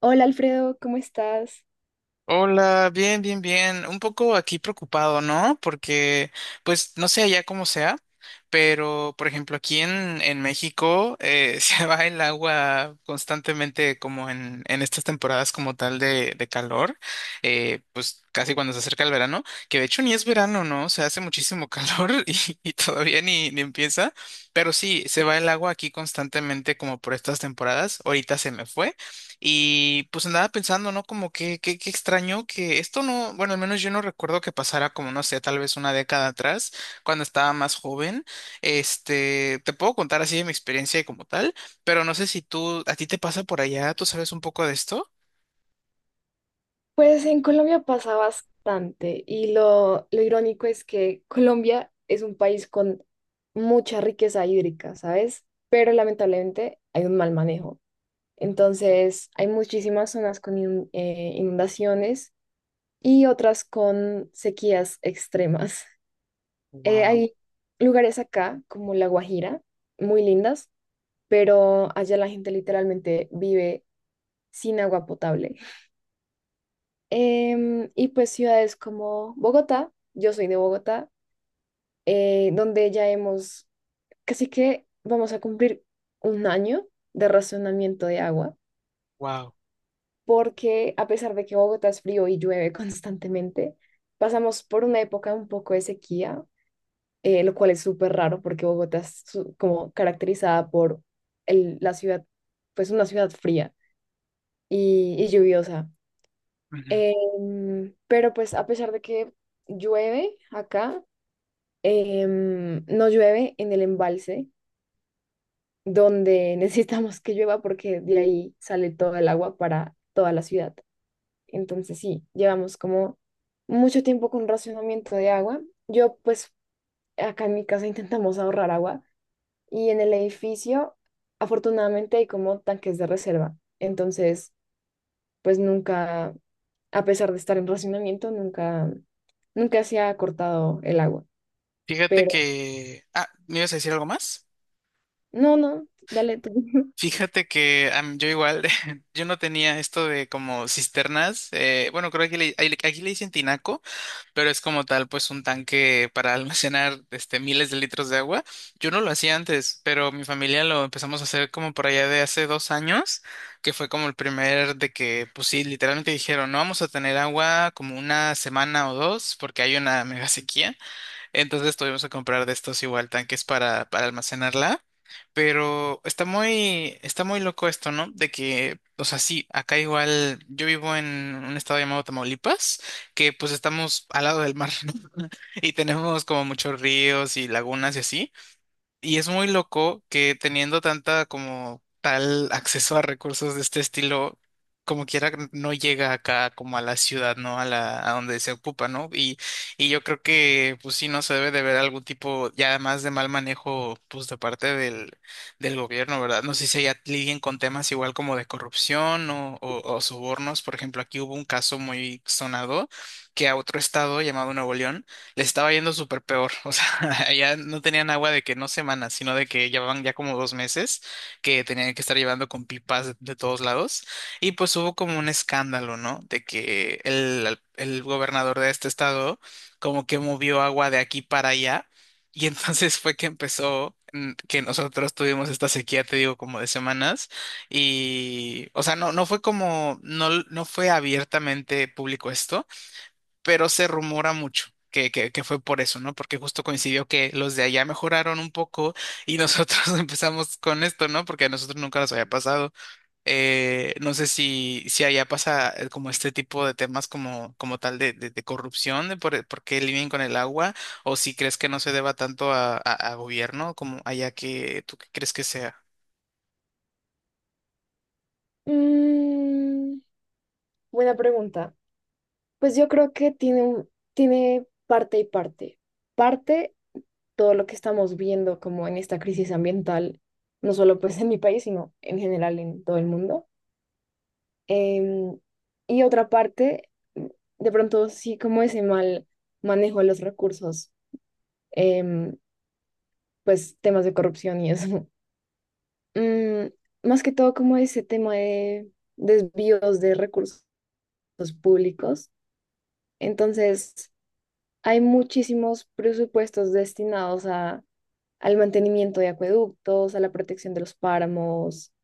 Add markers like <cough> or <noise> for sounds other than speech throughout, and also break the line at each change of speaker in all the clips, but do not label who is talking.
Hola Alfredo, ¿cómo estás?
Hola, bien, bien, bien. Un poco aquí preocupado, ¿no? Porque, pues, no sé allá cómo sea, pero, por ejemplo, aquí en México, <laughs> se va el agua constantemente como en estas temporadas como tal de calor, pues casi cuando se acerca el verano, que de hecho ni es verano, ¿no? Se hace muchísimo calor <laughs> y todavía ni empieza, pero sí, se va el agua aquí constantemente como por estas temporadas. Ahorita se me fue. Y pues andaba pensando, ¿no? Como que extraño que esto no, bueno, al menos yo no recuerdo que pasara como, no sé, tal vez una década atrás, cuando estaba más joven. Te puedo contar así de mi experiencia como tal, pero no sé si tú, a ti te pasa por allá, ¿tú sabes un poco de esto?
Pues en Colombia pasa bastante y lo irónico es que Colombia es un país con mucha riqueza hídrica, ¿sabes? Pero lamentablemente hay un mal manejo. Entonces hay muchísimas zonas con inundaciones y otras con sequías extremas. <laughs>
Wow,
Hay lugares acá como La Guajira, muy lindas, pero allá la gente literalmente vive sin agua potable. Y pues ciudades como Bogotá, yo soy de Bogotá, donde ya hemos, casi que vamos a cumplir un año de racionamiento de agua,
wow.
porque a pesar de que Bogotá es frío y llueve <laughs> constantemente, pasamos por una época un poco de sequía, lo cual es súper raro porque Bogotá es como caracterizada por la ciudad, pues una ciudad fría y lluviosa. Em, pero pues a pesar de que llueve acá, Em, no llueve en el embalse donde <laughs> necesitamos que llueva porque de ahí sale todo el agua para toda la ciudad. Entonces sí, llevamos como mucho tiempo con racionamiento de agua. Yo pues acá en mi casa intentamos ahorrar agua y en el edificio afortunadamente hay como tanques de reserva. Entonces pues nunca, a pesar de estar en racionamiento, nunca, nunca se ha cortado el agua.
Fíjate
Pero
que, ¿me ibas a decir algo más?
no, no, dale tú. <laughs>
Fíjate que, yo igual, <laughs> yo no tenía esto de como cisternas, bueno, creo que aquí le dicen tinaco, pero es como tal, pues un tanque para <laughs> almacenar, miles de litros de agua. Yo no lo hacía antes, pero mi familia lo empezamos a hacer como por allá de hace 2 años, que fue como el primer de que, pues sí, literalmente dijeron, no vamos a tener agua como una semana o dos, porque hay una mega sequía. Entonces tuvimos que comprar de estos igual tanques para almacenarla. Pero está muy loco esto, ¿no? De que, o sea, sí, acá igual yo vivo en un estado llamado Tamaulipas, que pues estamos al lado del mar, <laughs> ¿no? Y tenemos como muchos ríos y lagunas y así. Y es muy loco que teniendo tanta como tal acceso a recursos de este estilo, como quiera no llega acá como a la ciudad, ¿no? A la, a donde se ocupa, ¿no? Y yo creo que pues sí, no se debe de ver algún tipo ya más de mal manejo pues de parte del, del gobierno, ¿verdad? No sé si ya lidien con temas igual como de corrupción o sobornos. Por ejemplo, aquí hubo un caso muy sonado que a otro estado llamado Nuevo León les estaba yendo súper peor. O sea, <laughs> allá no tenían agua de que no semanas, sino de que llevaban ya como 2 meses, que tenían que estar llevando con pipas de todos lados. Y pues hubo como un escándalo, ¿no? De que el gobernador de este estado como que movió agua de aquí para allá. Y <laughs> entonces fue que empezó, que nosotros tuvimos esta sequía, te digo, como de semanas. Y, o sea, no fue abiertamente público esto, pero se rumora mucho. Que fue por eso, ¿no? Porque justo coincidió que los de allá mejoraron un poco y nosotros <laughs> empezamos con esto, ¿no? Porque a nosotros nunca nos había pasado. No sé si, si allá pasa, como este tipo de temas como tal de corrupción, de por qué lidian con el agua, o si crees que no se deba tanto a, a gobierno como allá, que tú qué crees que sea.
Mm, buena pregunta. Pues yo creo que tiene parte y parte. Parte, todo lo que estamos viendo como en esta crisis ambiental, no solo pues en mi país, sino en general en todo el mundo. Em, y otra parte, mm, de pronto sí como ese mal manejo de los recursos, em, pues temas de corrupción y eso. <laughs> Mm, más que todo como ese tema de desvíos de recursos públicos. Entonces, hay muchísimos presupuestos destinados al mantenimiento de acueductos, a la protección de los páramos,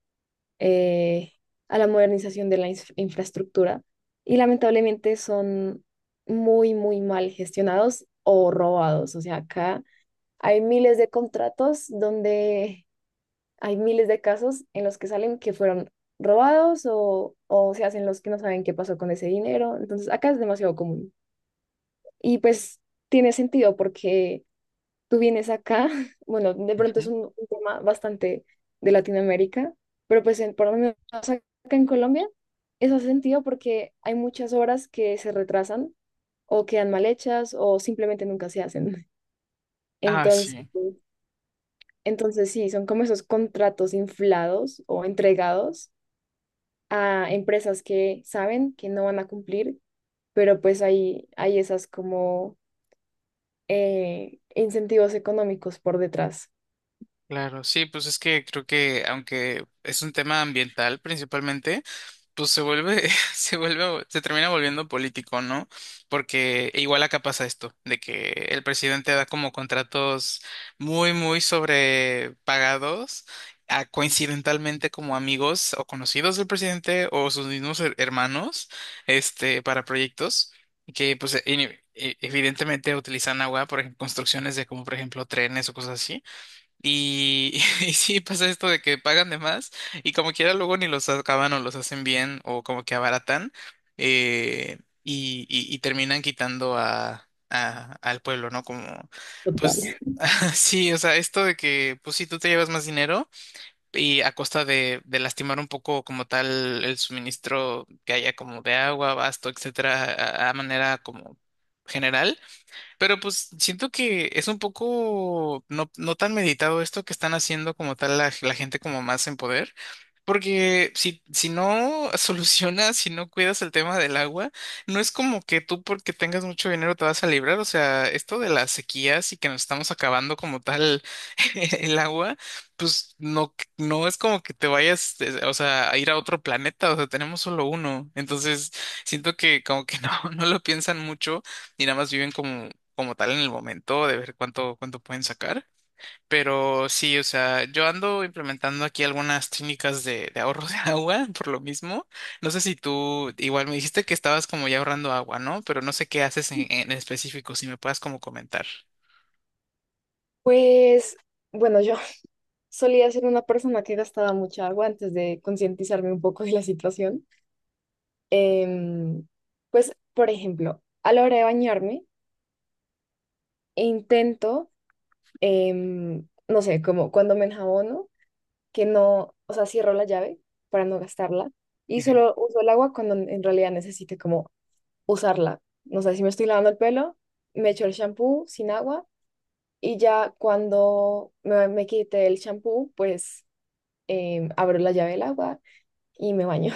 eh, a la modernización de la infraestructura y lamentablemente son muy mal gestionados o robados. O sea, acá hay miles de contratos donde hay miles de casos en los que salen que fueron robados o se hacen los que no saben qué pasó con ese dinero. Entonces, acá es demasiado común. Y pues tiene sentido porque tú vienes acá, <laughs> bueno, de pronto es
Ujú.
un tema bastante de Latinoamérica, pero pues en, por lo menos acá en Colombia, eso hace sentido porque hay muchas obras que se retrasan o quedan mal hechas o simplemente nunca se hacen. <laughs>
Ah,
Entonces,
sí,
entonces sí, son como esos contratos inflados o entregados a empresas que saben que no van a cumplir, pero pues hay esas como incentivos económicos por detrás.
claro, sí, pues es que creo que aunque es un tema ambiental principalmente, pues se vuelve, <laughs> se vuelve, se termina volviendo político, ¿no? Porque igual acá pasa esto, de que el presidente da como contratos muy, muy sobrepagados a coincidentalmente como amigos o conocidos del presidente o sus mismos hermanos, para proyectos que, pues, evidentemente utilizan agua, por ejemplo, construcciones de, como, por ejemplo, trenes o cosas así. Y, <laughs> y sí, pasa esto de que pagan de más y como quiera luego ni los acaban o los hacen bien o como que abaratan, y, y terminan quitando a, al pueblo, ¿no? Como,
Total.
pues <laughs> sí, o sea, esto de que, pues sí, tú te llevas más dinero y a costa de lastimar un poco como tal el suministro que haya como de agua, abasto, etcétera, a manera como general. Pero pues siento que es un poco no tan meditado esto que están haciendo como tal la, la gente como más en poder, porque si no <laughs> solucionas, si no cuidas el tema del agua, no es como que tú porque tengas mucho dinero te vas a librar, o sea, esto de las sequías y que nos estamos acabando como tal <laughs> el agua, pues no, no es como que te vayas, o sea, a ir a otro planeta, o sea, tenemos solo uno, entonces siento que como que no, <laughs> no lo piensan mucho y nada más viven como, como tal, en el momento de ver cuánto pueden sacar. Pero sí, o sea, yo ando implementando aquí algunas técnicas de ahorro de <laughs> agua por lo mismo. No sé si tú, igual me dijiste que estabas como ya ahorrando agua, ¿no? Pero no sé qué haces en específico, si me puedas como comentar.
Pues bueno, yo <laughs> solía ser una persona que gastaba mucha agua antes de concientizarme un poco de la situación. Em, pues, por ejemplo, a la hora de bañarme, intento, no sé, como cuando me enjabono, que no, o sea, cierro la llave para no gastarla y solo uso el agua cuando en realidad necesite como usarla. No sé, si me estoy lavando el pelo, me echo el shampoo sin agua. Y ya cuando me quité el champú, pues abro la llave del agua y me baño.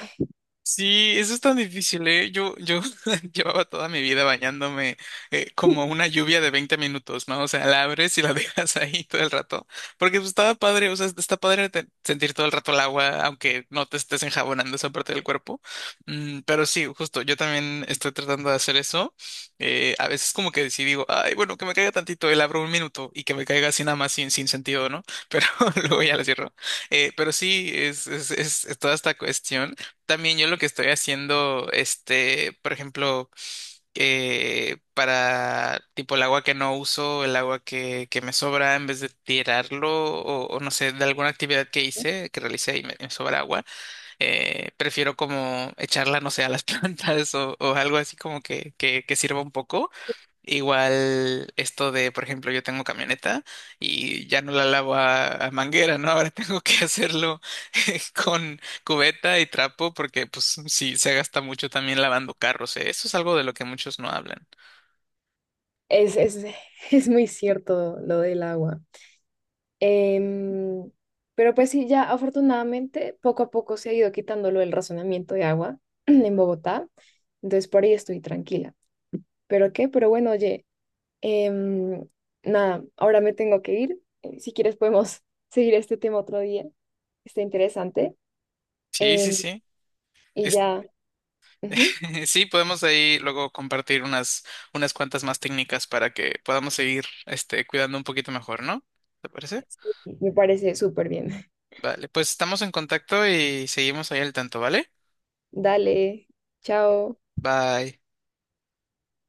Sí, eso es tan difícil, ¿eh? Yo <laughs> llevaba toda mi vida bañándome, como
<laughs>
una lluvia de 20 minutos, ¿no? O sea, la abres y la <laughs> dejas ahí todo el rato. Porque pues, estaba padre, o sea, está padre sentir todo el rato el agua, aunque no te estés enjabonando esa parte del cuerpo. Mm, pero sí, justo, yo también estoy tratando de hacer eso. A veces como que sí digo, ay, bueno, que me caiga tantito, el abro 1 minuto y que me caiga así nada más sin sentido, ¿no? Pero <laughs> luego ya la cierro. Pero sí, es es toda esta cuestión. También yo lo que estoy haciendo, por ejemplo, para tipo el agua que no uso, el agua que me sobra, en vez de tirarlo o no sé, de alguna actividad que hice, que realicé y me sobra agua, prefiero como echarla, no sé, a las <laughs> plantas o algo así como que sirva un poco. Igual esto de, por ejemplo, yo tengo camioneta y ya no la lavo a, manguera, ¿no? <laughs> Ahora tengo que hacerlo <laughs> con cubeta y trapo porque pues sí, se gasta mucho también lavando carros, ¿eh? Eso es algo de lo que muchos no hablan.
Es, es, es muy cierto lo del agua. Em, pero pues sí, ya afortunadamente poco a poco se ha ido quitando lo del razonamiento de agua <clears throat> en Bogotá. Entonces por ahí estoy tranquila. ¿Pero qué? Pero bueno, oye, em, nada, ahora me tengo que ir. Si quieres podemos <laughs> seguir este tema otro día. Está interesante.
Sí, sí,
Em,
sí.
y
Es-
ya. Ujú.
<laughs> sí, podemos ahí luego compartir unas cuantas más técnicas para que podamos seguir, este, cuidando un poquito mejor, ¿no? ¿Te parece?
Sí, me parece súper bien.
Vale, pues estamos en contacto y seguimos ahí al tanto, ¿vale?
Dale, chao.
Bye.